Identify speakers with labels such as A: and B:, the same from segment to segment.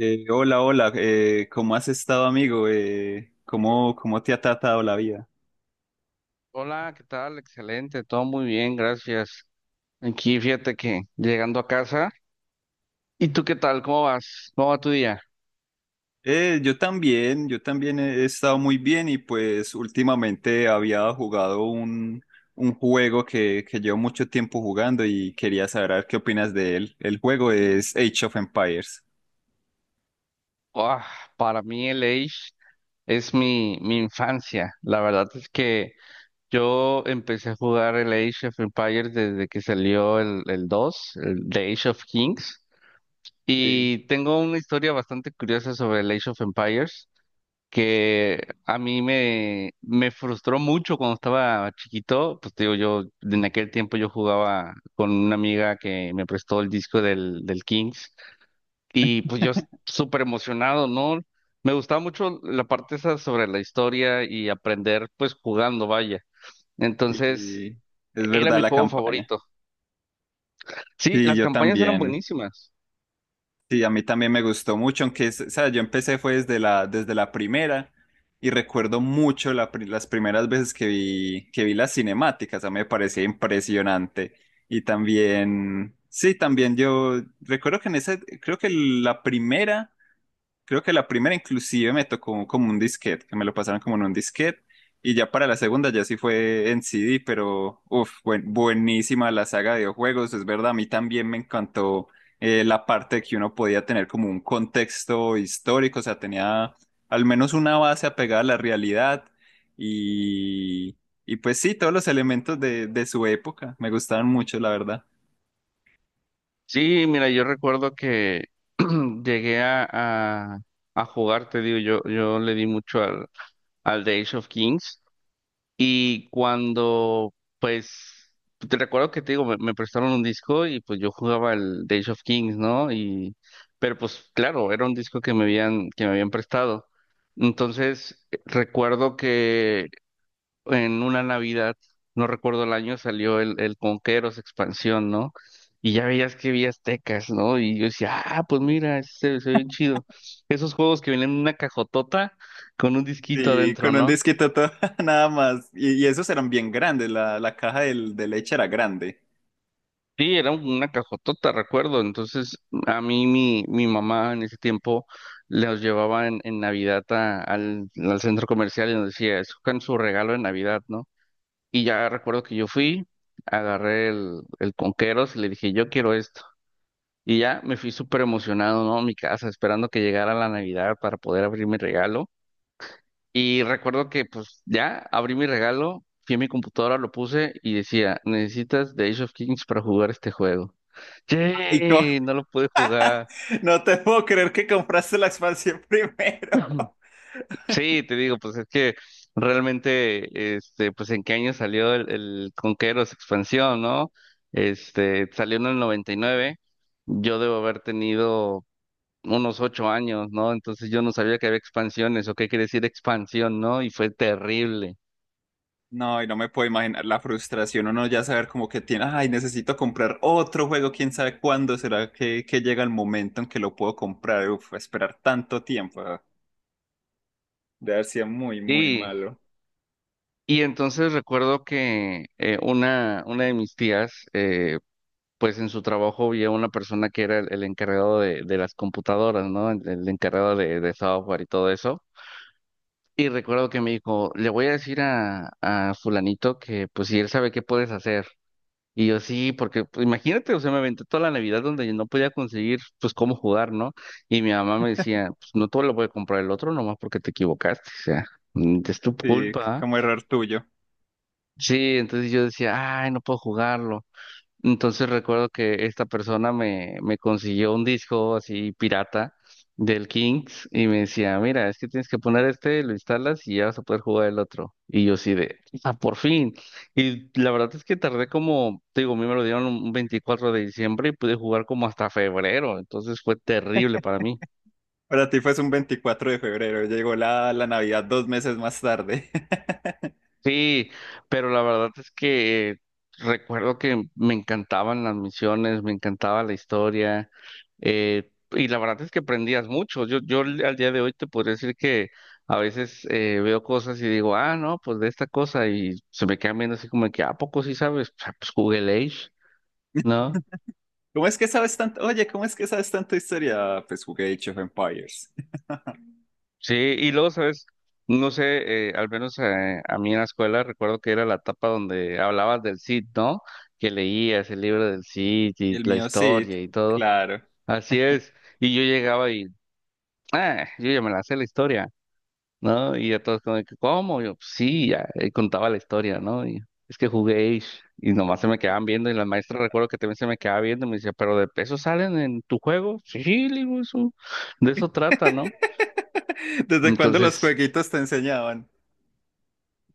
A: Hola, hola, ¿cómo has estado, amigo? ¿Cómo te ha tratado la vida?
B: Hola, ¿qué tal? Excelente, todo muy bien, gracias. Aquí fíjate que llegando a casa. ¿Y tú qué tal? ¿Cómo vas? ¿Cómo va tu día?
A: Yo también, yo también he estado muy bien y pues últimamente había jugado un juego que llevo mucho tiempo jugando y quería saber a ver qué opinas de él. El juego es Age of Empires.
B: Ah, para mí el Age es mi infancia. La verdad es que yo empecé a jugar el Age of Empires desde que salió el 2, el The Age of Kings.
A: Sí,
B: Y tengo una historia bastante curiosa sobre el Age of Empires, que a mí me frustró mucho cuando estaba chiquito. Pues te digo, yo en aquel tiempo yo jugaba con una amiga que me prestó el disco del Kings. Y pues súper emocionado, ¿no? Me gustaba mucho la parte esa sobre la historia y aprender pues jugando, vaya. Entonces,
A: sí, es
B: era
A: verdad
B: mi
A: la
B: juego
A: campaña.
B: favorito. Sí,
A: Sí,
B: las
A: yo
B: campañas eran
A: también.
B: buenísimas.
A: Sí, a mí también me gustó mucho, aunque, o sea, yo empecé fue desde desde la primera y recuerdo mucho las primeras veces que vi las cinemáticas, a mí me parecía impresionante. Y también, sí, también yo recuerdo que en esa, creo que la primera. Creo que la primera inclusive me tocó como un disquete, que me lo pasaron como en un disquete. Y ya para la segunda ya sí fue en CD, pero uff, buenísima la saga de videojuegos, es verdad, a mí también me encantó la parte de que uno podía tener como un contexto histórico, o sea, tenía al menos una base apegada a la realidad y, y pues sí, todos los elementos de su época me gustaban mucho, la verdad.
B: Sí, mira, yo recuerdo que llegué a, a- a jugar. Te digo, yo le di mucho al de Age of Kings. Y cuando, pues, te recuerdo que te digo, me prestaron un disco y pues yo jugaba el de Age of Kings, ¿no? Pero pues claro, era un disco que me habían prestado. Entonces, recuerdo que en una Navidad, no recuerdo el año, salió el Conqueros expansión, ¿no? Y ya veías que vi aztecas, ¿no? Y yo decía, ah, pues mira, se ve bien chido. Esos juegos que vienen en una cajotota con un disquito
A: Sí,
B: adentro,
A: con un
B: ¿no?
A: disquito todo, nada más. Y esos eran bien grandes, la caja de leche era grande.
B: Sí, era una cajotota, recuerdo. Entonces, a mi mamá en ese tiempo los llevaba en Navidad al centro comercial y nos decía, escojan su regalo de Navidad, ¿no? Y ya recuerdo que yo fui, agarré el Conqueros y le dije, yo quiero esto. Y ya me fui súper emocionado, ¿no?, a mi casa, esperando que llegara la Navidad para poder abrir mi regalo. Y recuerdo que pues ya abrí mi regalo, fui a mi computadora, lo puse y decía, necesitas The Age of Kings para jugar este juego.
A: Ay,
B: Yay, no lo pude jugar.
A: no te puedo creer que compraste la expansión primero.
B: Sí, te digo, pues es que realmente, este, pues en qué año salió el Conqueros expansión, ¿no? Este, salió en el 99. Yo debo haber tenido unos 8 años, ¿no? Entonces yo no sabía que había expansiones o qué quiere decir expansión, ¿no? Y fue terrible.
A: No, y no me puedo imaginar la frustración, uno ya saber como que tiene, ay, necesito comprar otro juego, quién sabe cuándo será que llega el momento en que lo puedo comprar, uf, esperar tanto tiempo, de haber sido muy, muy
B: Y,
A: malo.
B: y entonces recuerdo que una de mis tías, pues en su trabajo había una persona que era el encargado de las computadoras, ¿no? El encargado de software y todo eso. Y recuerdo que me dijo, le voy a decir a fulanito que pues si él sabe qué puedes hacer. Y yo sí, porque pues, imagínate, o sea, me aventé toda la Navidad donde yo no podía conseguir pues cómo jugar, ¿no? Y mi mamá me decía, pues no todo lo puede comprar el otro, nomás porque te equivocaste, o sea, es tu
A: Sí,
B: culpa.
A: como error tuyo.
B: Sí, entonces yo decía, ay, no puedo jugarlo. Entonces recuerdo que esta persona me consiguió un disco así pirata del Kings y me decía, mira, es que tienes que poner este, lo instalas y ya vas a poder jugar el otro. Y yo sí de, ah, por fin. Y la verdad es que tardé como, te digo, a mí me lo dieron un 24 de diciembre y pude jugar como hasta febrero. Entonces fue terrible para mí.
A: Para ti fue un 24 de febrero, llegó la Navidad 2 meses más tarde.
B: Sí, pero la verdad es que recuerdo que me encantaban las misiones, me encantaba la historia, y la verdad es que aprendías mucho. Yo al al día de hoy te podría decir que a veces veo cosas y digo, ah, no, pues de esta cosa, y se me quedan viendo así como que, ¿a poco sí sabes? O sea, pues Google Age, ¿no?
A: ¿Cómo es que sabes tanto? Oye, ¿cómo es que sabes tanto historia? Ah, pues jugué Age of Empires.
B: Sí, y luego, ¿sabes? No sé, al menos a mí en la escuela recuerdo que era la etapa donde hablabas del Cid, ¿no? Que leías el libro del Cid
A: Y
B: y
A: el
B: la
A: mío Sid,
B: historia y todo.
A: claro.
B: Así es. Y yo llegaba y, ah, yo ya me la sé la historia, ¿no? Y ya todos como, de que, ¿cómo? Yo, "Pues sí, ya", y contaba la historia, ¿no? Y es que jugué y nomás se me quedaban viendo, y la maestra recuerdo que también se me quedaba viendo y me decía, ¿pero de peso salen en tu juego? Sí, le digo, eso, de eso trata, ¿no?
A: ¿Desde cuándo los
B: Entonces,
A: jueguitos te enseñaban?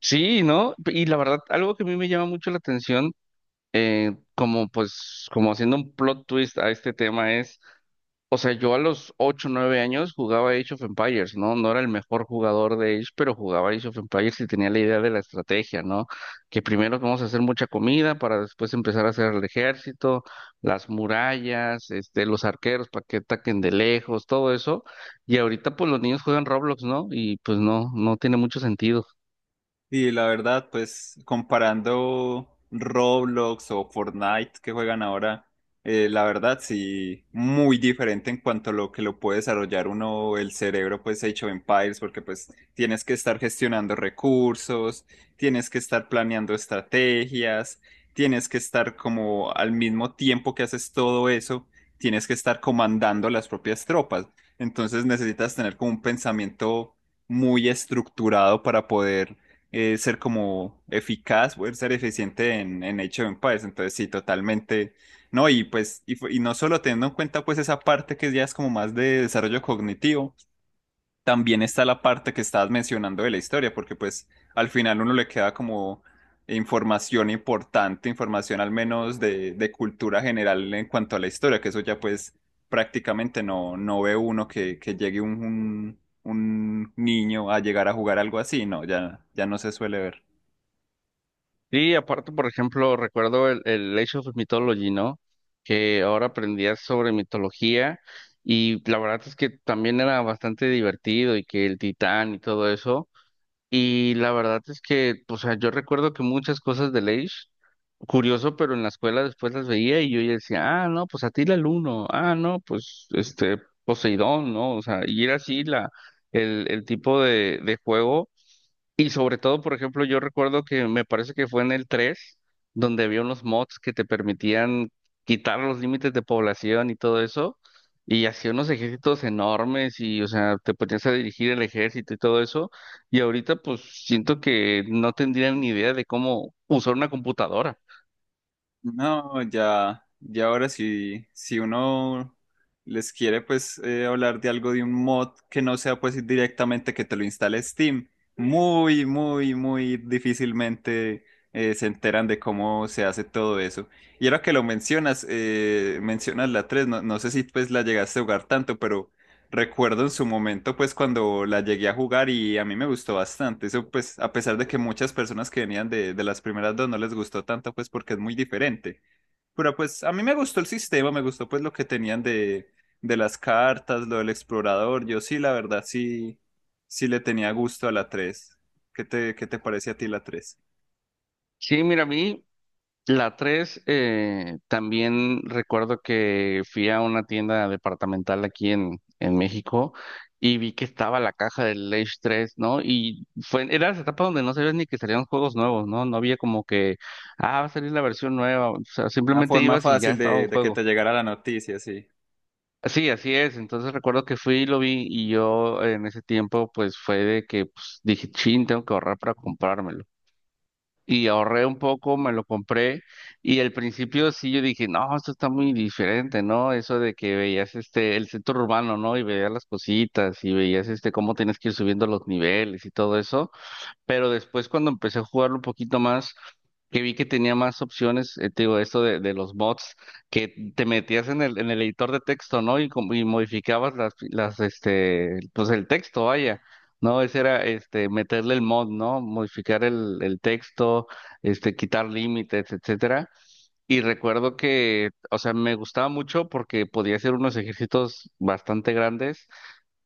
B: sí, ¿no? Y la verdad, algo que a mí me llama mucho la atención, como pues, como haciendo un plot twist a este tema es, o sea, yo a los 8 9 años jugaba Age of Empires, ¿no? No era el mejor jugador de Age, pero jugaba Age of Empires y tenía la idea de la estrategia, ¿no? Que primero vamos a hacer mucha comida para después empezar a hacer el ejército, las murallas, este, los arqueros para que ataquen de lejos, todo eso. Y ahorita pues los niños juegan Roblox, ¿no? Y pues no, no tiene mucho sentido.
A: Y la verdad, pues comparando Roblox o Fortnite que juegan ahora, la verdad sí, muy diferente en cuanto a lo que lo puede desarrollar uno el cerebro, pues Age of Empires, porque pues tienes que estar gestionando recursos, tienes que estar planeando estrategias, tienes que estar como al mismo tiempo que haces todo eso, tienes que estar comandando las propias tropas. Entonces necesitas tener como un pensamiento muy estructurado para poder ser como eficaz, poder ser eficiente en, Age of Empires. Entonces, sí, totalmente. No, y no solo teniendo en cuenta pues esa parte que ya es como más de desarrollo cognitivo, también está la parte que estabas mencionando de la historia, porque pues al final uno le queda como información importante, información al menos de cultura general en cuanto a la historia, que eso ya pues prácticamente no, no ve uno que llegue un niño a llegar a jugar algo así, no, ya, ya no se suele ver.
B: Sí, aparte, por ejemplo, recuerdo el Age of Mythology, ¿no? Que ahora aprendías sobre mitología, y la verdad es que también era bastante divertido y que el titán y todo eso. Y la verdad es que, o sea, yo recuerdo que muchas cosas del Age, curioso, pero en la escuela después las veía y yo ya decía, ah, no, pues Atila el Uno, ah, no, pues este Poseidón, ¿no? O sea, y era así la, el tipo de juego. Y sobre todo, por ejemplo, yo recuerdo que me parece que fue en el 3 donde había unos mods que te permitían quitar los límites de población y todo eso, y hacía unos ejércitos enormes y, o sea, te ponías a dirigir el ejército y todo eso. Y ahorita pues siento que no tendrían ni idea de cómo usar una computadora.
A: No, ya, ya ahora sí, si uno les quiere pues hablar de algo de un mod que no sea pues directamente que te lo instale Steam, muy, muy, muy difícilmente se enteran de cómo se hace todo eso. Y ahora que lo mencionas, mencionas la 3, no, no sé si pues la llegaste a jugar tanto, pero recuerdo en su momento, pues cuando la llegué a jugar y a mí me gustó bastante. Eso, pues, a pesar de que muchas personas que venían de las primeras dos no les gustó tanto, pues porque es muy diferente. Pero pues a mí me gustó el sistema, me gustó pues lo que tenían de las cartas, lo del explorador. Yo sí, la verdad, sí, sí le tenía gusto a la 3. ¿Qué te parece a ti la tres?
B: Sí, mira, a mí la 3 también recuerdo que fui a una tienda departamental aquí en México y vi que estaba la caja del Age 3, ¿no? Y fue, era esa etapa donde no sabías ni que salían juegos nuevos, ¿no? No había como que, ah, va a salir la versión nueva. O sea,
A: Una
B: simplemente
A: forma
B: ibas y ya
A: fácil
B: estaba un
A: de que te
B: juego.
A: llegara la noticia, sí.
B: Sí, así es. Entonces recuerdo que fui y lo vi, y yo en ese tiempo pues fue de que pues, dije, chin, tengo que ahorrar para comprármelo, y ahorré un poco, me lo compré, y al principio sí yo dije, no, esto está muy diferente, ¿no? Eso de que veías este, el centro urbano, ¿no?, y veías las cositas y veías este, cómo tienes que ir subiendo los niveles y todo eso, pero después cuando empecé a jugarlo un poquito más, que vi que tenía más opciones, te digo, esto de los mods, que te metías en el editor de texto, ¿no? Y, y modificabas este, pues el texto, vaya, ¿no? Ese era, este, meterle el mod, ¿no? Modificar el texto, este, quitar límites, etcétera. Y recuerdo que, o sea, me gustaba mucho porque podía hacer unos ejercicios bastante grandes.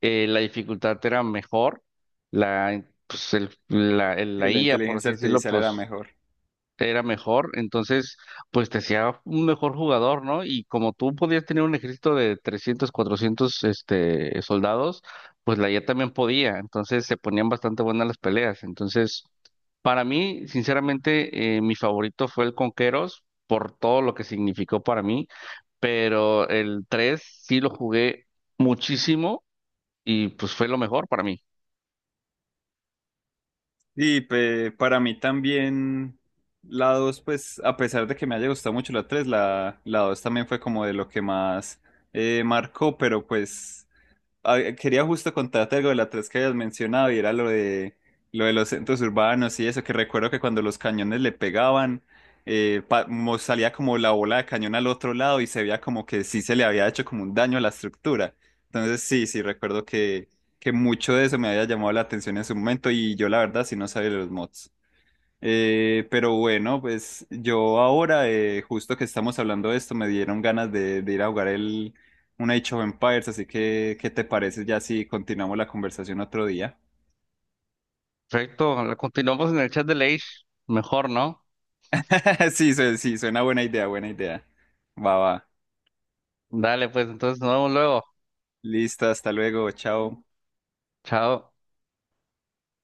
B: La dificultad era mejor, la, pues el-
A: Y
B: la
A: la
B: IA, por
A: inteligencia
B: así decirlo,
A: artificial era
B: pues
A: mejor.
B: era mejor. Entonces pues te hacía un mejor jugador, ¿no? Y como tú podías tener un ejército de 300 400 este, soldados, pues la IA también podía. Entonces se ponían bastante buenas las peleas. Entonces, para mí, sinceramente, mi favorito fue el Conqueros, por todo lo que significó para mí. Pero el 3 sí lo jugué muchísimo, y pues fue lo mejor para mí.
A: Y para mí también la 2, pues a pesar de que me haya gustado mucho la 3, la 2 también fue como de lo que más marcó, pero pues quería justo contarte algo de la tres que habías mencionado y era lo de los centros urbanos y eso, que recuerdo que cuando los cañones le pegaban, salía como la bola de cañón al otro lado y se veía como que sí se le había hecho como un daño a la estructura. Entonces sí, sí, recuerdo que mucho de eso me había llamado la atención en su momento y yo la verdad sí no sabía de los mods. Pero bueno, pues yo ahora, justo que estamos hablando de esto, me dieron ganas de ir a jugar un Age of Empires, así que, ¿qué te parece ya si continuamos la conversación otro día?
B: Perfecto, continuamos en el chat de Leish. Mejor, ¿no?
A: Sí, sí, suena buena idea, buena idea. Va, va.
B: Dale, pues entonces nos vemos luego.
A: Listo, hasta luego, chao.
B: Chao.